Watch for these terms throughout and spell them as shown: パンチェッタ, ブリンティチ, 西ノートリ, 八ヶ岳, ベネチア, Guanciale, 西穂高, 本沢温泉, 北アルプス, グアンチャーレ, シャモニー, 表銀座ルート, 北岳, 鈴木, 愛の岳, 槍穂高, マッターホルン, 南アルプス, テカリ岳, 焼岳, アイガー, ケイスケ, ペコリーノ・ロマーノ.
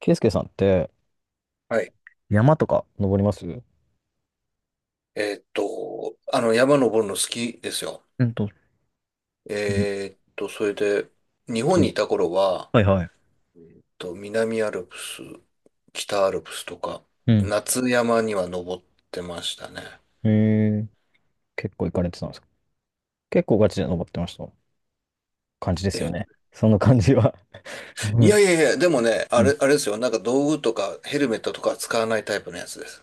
ケイスケさんってはい。山とか登りますう？山登るの好きですよ。うんと、うんそれで、日本といにいた頃は、はいは南アルプス、北アルプスとか、い。ん。夏山には登ってましたね。へえ、結構行かれてたんですか？結構ガチで登ってました感じですえよーっと、ね。その感じは、ういんやいやいや、でもね、うあん、れ、あれですよ。なんか道具とかヘルメットとかは使わないタイプのやつです。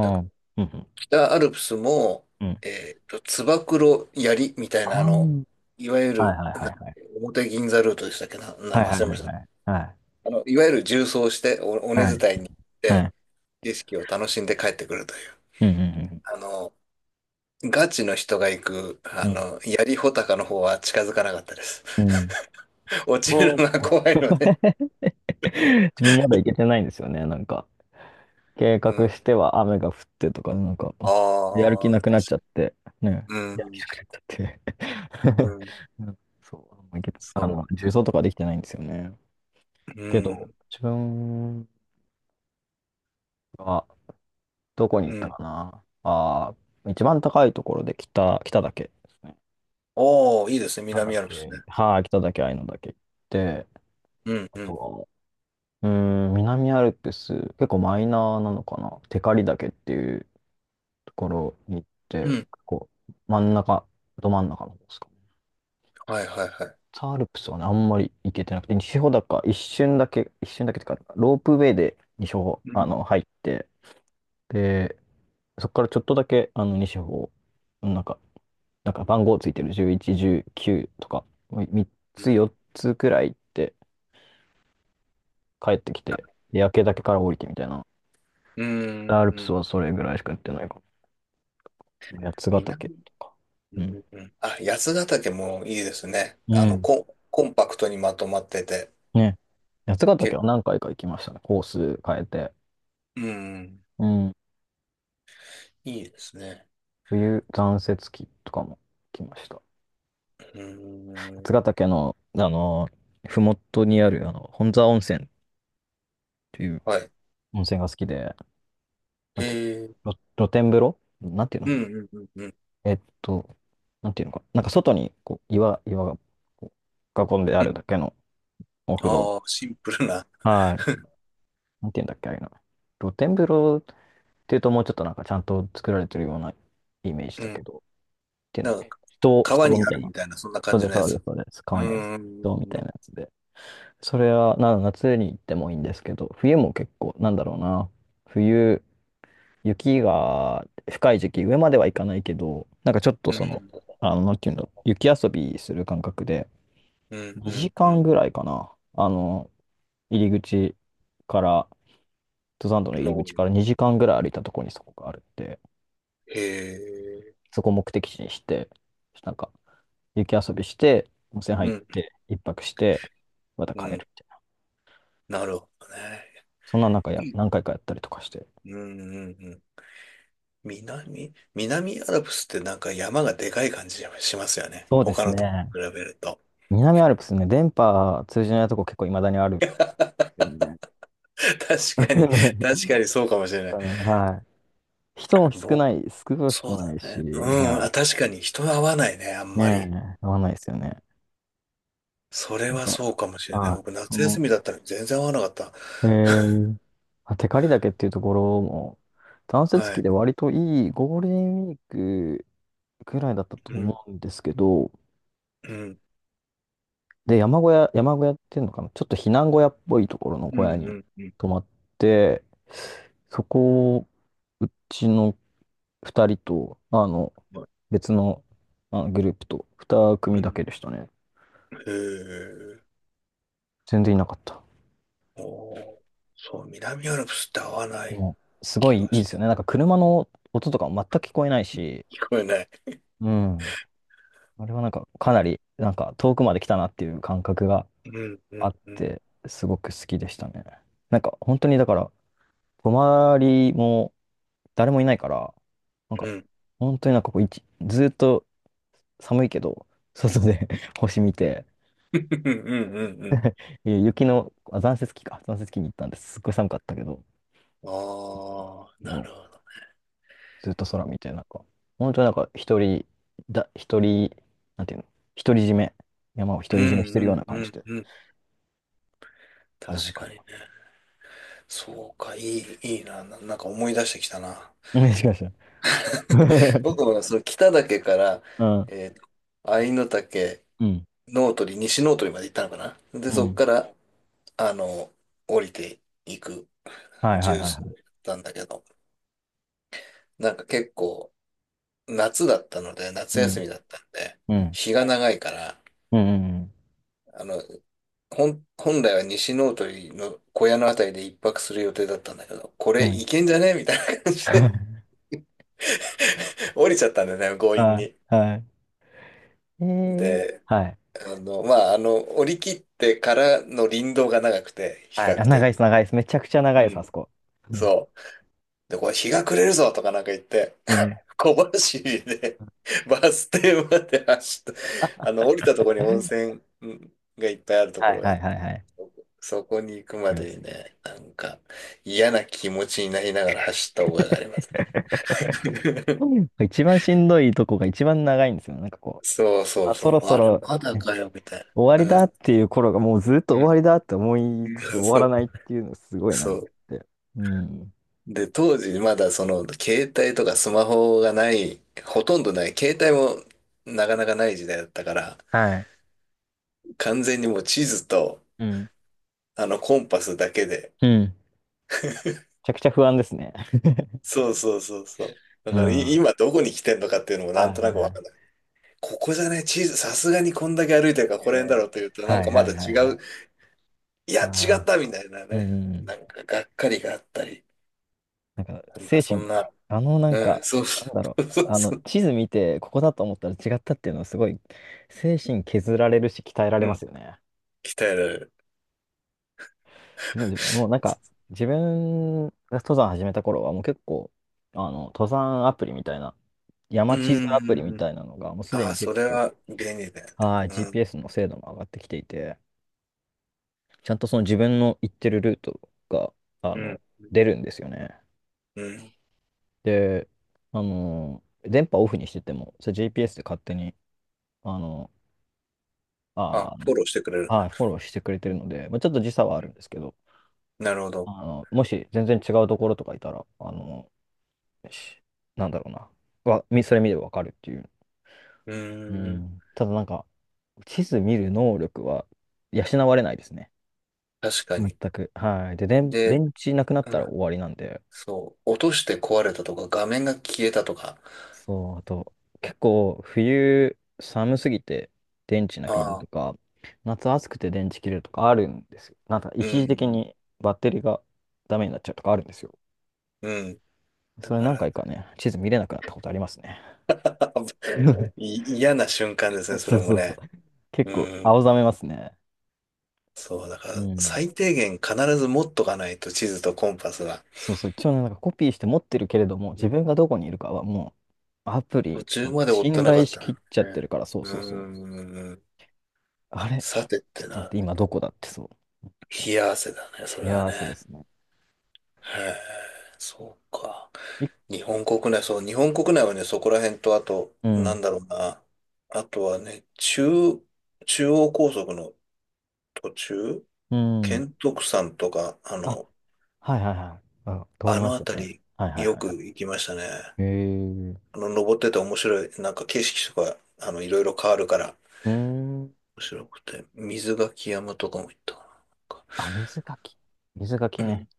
だかあら、ー、うん北アルプスも、うんうん。つば九郎槍みたいあな、ー、いわゆはいる、はいはいはい。表銀座ルートでしたっけな、はいはい忘れはました。いはい。いわゆる縦走して、尾根はい。伝いに行っはて、い。景色を楽しんで帰ってくるという。うんうんあの、ガチの人が行く、うん槍穂高の方は近づかなかったです。うん。うん。落ちるそう。 のが怖いので。自分まだ行けてないんですよね。なんか、計う画ん。しては雨が降ってとか、なんか、やる気あなあ、確くなっちゃっかて、ね。に。うやる気ん。なくなっちゃっうて。 ん。そうんそけど、あその、重曹とかできてないんですよね。う。けうど、ん。自分はどこに行うったん。かな。ああ、一番高いところで、北岳ですね。おー、いいですね。北南アルプスね。岳、はい、北岳、愛の岳行って、うん、あうとん。は、うーん、南アルプス、結構マイナーなのかな。テカリ岳っていうところに行っうて、ん。こう、真ん中、ど真ん中の方ですかね。はい、はい、はい。北アルプスはね、あんまり行けてなくて、西穂高、一瞬だけ、一瞬だけってか、ロープウェイで西穂、うあん。の、入って、で、そこからちょっとだけ、あの、西穂、なんか、なんか番号ついてる11、19とか、3うつ、ん。4つくらい行って帰ってきなて、で焼岳から降りてみたいな。う北アん。ルプうスん。はそれぐらいしかやってないかも。八ヶ岳南とか。ううん。んうん、あ、八ヶ岳もいいですね。うん。コンパクトにまとまってて、ね。八ヶ岳結は構、何回か行きましたね。コース変えて。うん、うん。いいですね。冬残雪期とかも来ました。う八ヶん、岳の、あの、ふもとにある、あの、本沢温泉っていうはい。温泉が好きで、なへんていうえ、の、露天風呂なんていううの、ん、うん、うん、うん。えっと、なんていうのか。なんか外に、こう、岩が、こう、囲んであうるん、だけのお風呂。ああ、シンプルな、はい。なんていうんだっけ、あれな。露天風呂っていうと、もうちょっとなんかちゃんと作られてるようなイメージうだけん。ど、っていうんだっなんけ。か、川人にみあたいるな。みたいな、そんなそ感うじです、のやそうです、つ。そうです。う川にあるん、人みたういん、なやつで。それは、夏に行ってもいいんですけど、冬も結構、なんだろうな。冬、雪が深い時期、上までは行かないけど、なんかちょっとうその、ん、あの、なんていうんだろう、雪遊びする感覚で、うん、う2時ん、間うぐらいかな。あの、入り口から、登山道のん。入り口から2時間ぐらい歩いたところにそこがあるんで、へえ、そこを目的地にして、なんか、雪遊びして、温泉入うっん、て、一泊して、またう帰ん。るみたいな。なるほどね。そんななんかうや、何回かやったりとかして。ん、うん、うん。南アルプスってなんか山がでかい感じしますよね。そうで他すのとこにね。比べると。南アルプスね、電波通じないとこ結構いまだにあるんですよね。確かに、ね、確かにそうかもしれない。だね、はい。人も僕、少ない少そうだないし、ね。うん、はあ、確かに人は合わないね、あんい。まり。ねえ、合わないですよね。それなんはか、そうかもしれない。はい。僕、そ夏の、休みだったのに全然合わなかった。えまあ、テカリ岳っていうところも、断雪は期でい。割といいゴールデンウィークぐらいだったうとん、思うんですけど、うん、で、山小屋っていうのかな、ちょっと避難小屋っぽいところのう小ん、屋うにん、うん。泊まって、そこをうちの2人と、あの、はい、別の、あのグループとう2組だん、けでしたね。へえ。全然いなかった。おー、そう、南アルプスって合わなでいも、すご気いいいがでし、すよね。なんか車の音とかも全く聞こえないし、聞こえない。うん。あれはなんかかなり、なんか遠くまで来たなっていう感覚がうん、うあっん、うん、て、すごく好きでしたね。なんか本当にだから、泊まりも、誰もいないから、なんうか、ん、うん、本当になんかこう、ずーっと寒いけど、外で 星見て、うん、うん。うん、いや雪の、あ、残雪期か、残雪期に行ったんです。すっごい寒かったけど、ああ、でなも、るほど。ずっと空見て、なんか、本当になんか一人、なんていうの、独り占め、山を独うり占んめしてうるようんなう感じんで、うん。あれはよ確かかっにね。た。そうか、いいな。なんか思い出してきたな。うん、しかし。僕 はその北岳から、うん、えーと、愛の岳、うん、ノートリ、西ノートリまで行ったのかな。で、うそこん。から、あの、降りていくはいジはいューはいはスだっい。たんだけど、なんか結構夏だったので、夏うん、休みだったんで、うん、日が長いから、うん、うん、あの、本来は西の鳥の小屋のあたりで一泊する予定だったんだけど、こうん。れういん。 けんじゃねみたいな感じで 降りちゃったんだよね、強引はい、に。はい。えー、で、はい。まあ、降り切ってからの林道が長くて、比はい。較あ、長いです、的。長いです。めちゃくちゃ長いうです、あん。そこ。うん。そう。で、これ日が暮れるぞとかなんか言って、うん。小走りで バス停まで走った。降りたところに温泉がいっぱいあるとこはいろがはあっいはて、いはい。そこに行くあまりまですにね。ね、なんか嫌な気持ちになりながら走った覚えがあります。一番しんどいとこが一番長いんですよね。なんかこう、そうそうあ、そそろう。そあれ、ろまだかよ、みたい終わな。りだっうていう頃がもうずっと終わん。りだって思いつつう終ん、わそらう。ないっていうのがすごいなそるう。って。うん。で、当時まだその携帯とかスマホがない、ほとんどない、携帯もなかなかない時代だったから、はい。完全にもう地図とうん。コンパスだけで。うん。めちゃくちゃ不安ですね。そうそうそうそう。だうん。から、いは今どこに来てんのかっていうのもいなはいんとなくわはかんない。ここじゃね、地図、さすがにこんだけ歩いてるからい。これだろうと言うと、なんはいかまはだいは違いはう、い。いや、あ違っあ。たみたいなうね。んうんうん。なんかがっかりがあったり。なんか、まあ、精そ神、んな、あの、なんうか、ん、そうなそんだろう、う、そうあの、そう、地図見て、ここだと思ったら違ったっていうのは、すごい、精神削られるし、鍛えらうれまん、すよね。鍛えられる。自分もうなんか、自分が登山始めた頃は、もう結構、あの、登山アプリみたいな、う山地図アプリみーん。たいなのが、もうすでああ、にそ結れ構、は便利だよはい、ね。GPS の精度も上がってきていて、ちゃんとその自分の行ってるルートが、あうん、の、うん、出るんですよね。うん。で、あの、電波オフにしてても、それ GPS で勝手に、あの、あ、あフー、ォローしてくれるんはだ。い、フォローしてくれてうるんので、まあ、ちょっと時差はあうるんん、ですけど、なるほあど。の、もし全然違うところとかいたら、あの、しなんだろうな、それ見ればわかるっていう。ううーん、ん。ただなんか、地図見る能力は養われないですね。確か全に。く。はい。で、で、電池なくなっうたらん、終わりなんで、そう、落として壊れたとか、画面が消えたとか。そう、あと、結構冬寒すぎて電池なくなるあとあ、か、夏暑くて電池切れるとかあるんですよ。なんかう一時的ん、にバッテリーがダメになっちゃうとかあるんですよ。うん。だそれか何回ら、かね、地図見れなくなったことありますね。嫌な瞬間ですね、そそれうもそうそう。ね。結構うん。青ざめますね。そう、だかうら、ん。最低限必ず持っとかないと、地図とコンパスがそうそう。一応ね、なんかコピーして持ってるけれども、う自ん分がどこにいるかはもうアプ途リ中をまで追って信なか頼っしたらきね。っちゃってるから、そううーそうそう。ん。あれ、さてっちょてっと待なって、る今どこと、だってそう。じゃあ、冷や汗だね、それは幸せでね。すね。へえ、そうか。い日本国内、そう、日本国内はね、そこら辺と、あと、うなん。んだろうな。あとはね、中央高速の途中、うん。県徳山とか、ああ、の、はいはいはい。あ、通ありまのすよね。辺はいはり、いはよいはく行きましたね。い。へえ。登ってて面白い、なんか景色とか、いろいろ変わるから、うーん。面白くて、水垣山とかも行ったかな。なんかあ、水かき。水かきうね。ん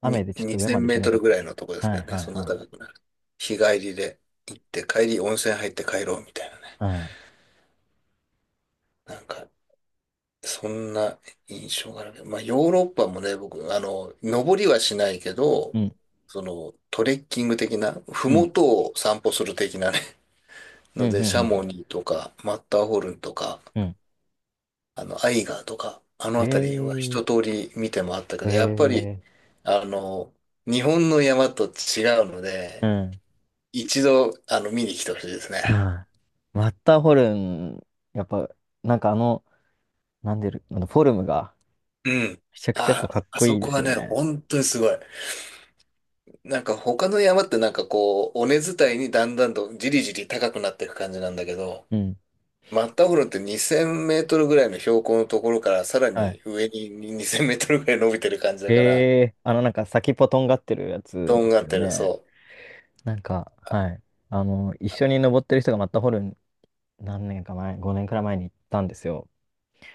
雨に、でちょっと上2000まメで行けーなトかルっぐらいのとこでた。すはけどいね、はいそんなは高くなる。日帰りで行って、帰り温泉入って帰ろうみたいなね。い。はい。なんか、そんな印象があるけど、まあヨーロッパもね、僕、登りはしないけど、うん。そのトレッキング的な、ふうもん。とを散歩する的なね、うのん。うん。で、シうャモん。ニーとか、マッターホルンとか、うん、アイガーとか、あのえあたりは一え。通り見てもあったけへど、やっぱり、え。あの、日本の山と違うのうで、ん。一度、見に来てほしいですね。はい。マッターホルン、やっぱ、なんかあの、なんでる、あのフォルムが、うん。めちゃくちゃやっぱあ、かっあこいそいでこすはよね、ね。本当にすごい。なんか他の山ってなんかこう、尾根伝いにだんだんとじりじり高くなっていく感じなんだけど、うん。マッターホルンって2000メートルぐらいの標高のところからさらはい。に上に2000メートルぐらい伸びてる感じだから、あの、なんか先っぽとんがってるやつとでんがすっよてる、ね。そなんか、はい。あの、一緒に登ってる人がマッターホルン何年か前、5年くらい前に行ったんですよ。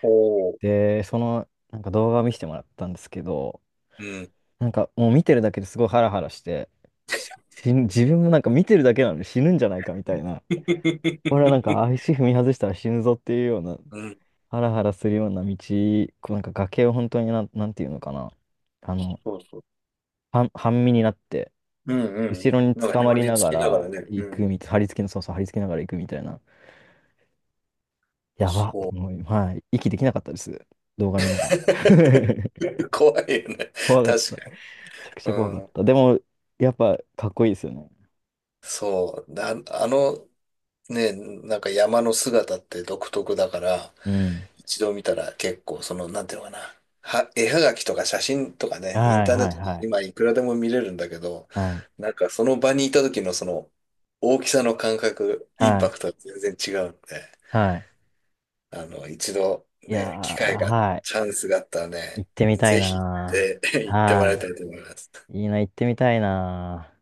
う。おお。で、その、なんか動画を見せてもらったんですけど、うん。なんかもう見てるだけですごいハラハラして、死ぬ、自分もなんか見てるだけなのに死ぬんじゃないかみたいな。これはなんか 足踏み外したら死ぬぞっていうような、うん。ハラハラするような道、こうなんか崖を本当になんていうのかな。あの、そうそう。半身になって、うんうん後うろにん。なんか捕へまばりりなつがきながららね。行うくん。みたい、張り付けの、そうそう、張り付けながら行くみたいな。やばっとそ思う。い、はい、息できなかったです。動画見ながら。怖いよね。怖かっ確た。めかちゃくに。ちうゃ怖かっん。た。でも、やっぱかっこいいですよね。そう。だ、あの、ね、なんか山の姿って独特だから、うん。一度見たら結構その、なんていうのかな。絵はがきとか写真とかね、インはいターネッはいトではい。今いくらでも見れるんだけど、はい。なんかその場にいた時のその大きさの感覚、インはパい。クトは全然違うんで、はい。一度いやね、機会ー、が、はい。チャンスがあったら行ね、ってみたいぜひな行って、ー。行ってもらいはたいと思います。い。いいな、行ってみたいなー。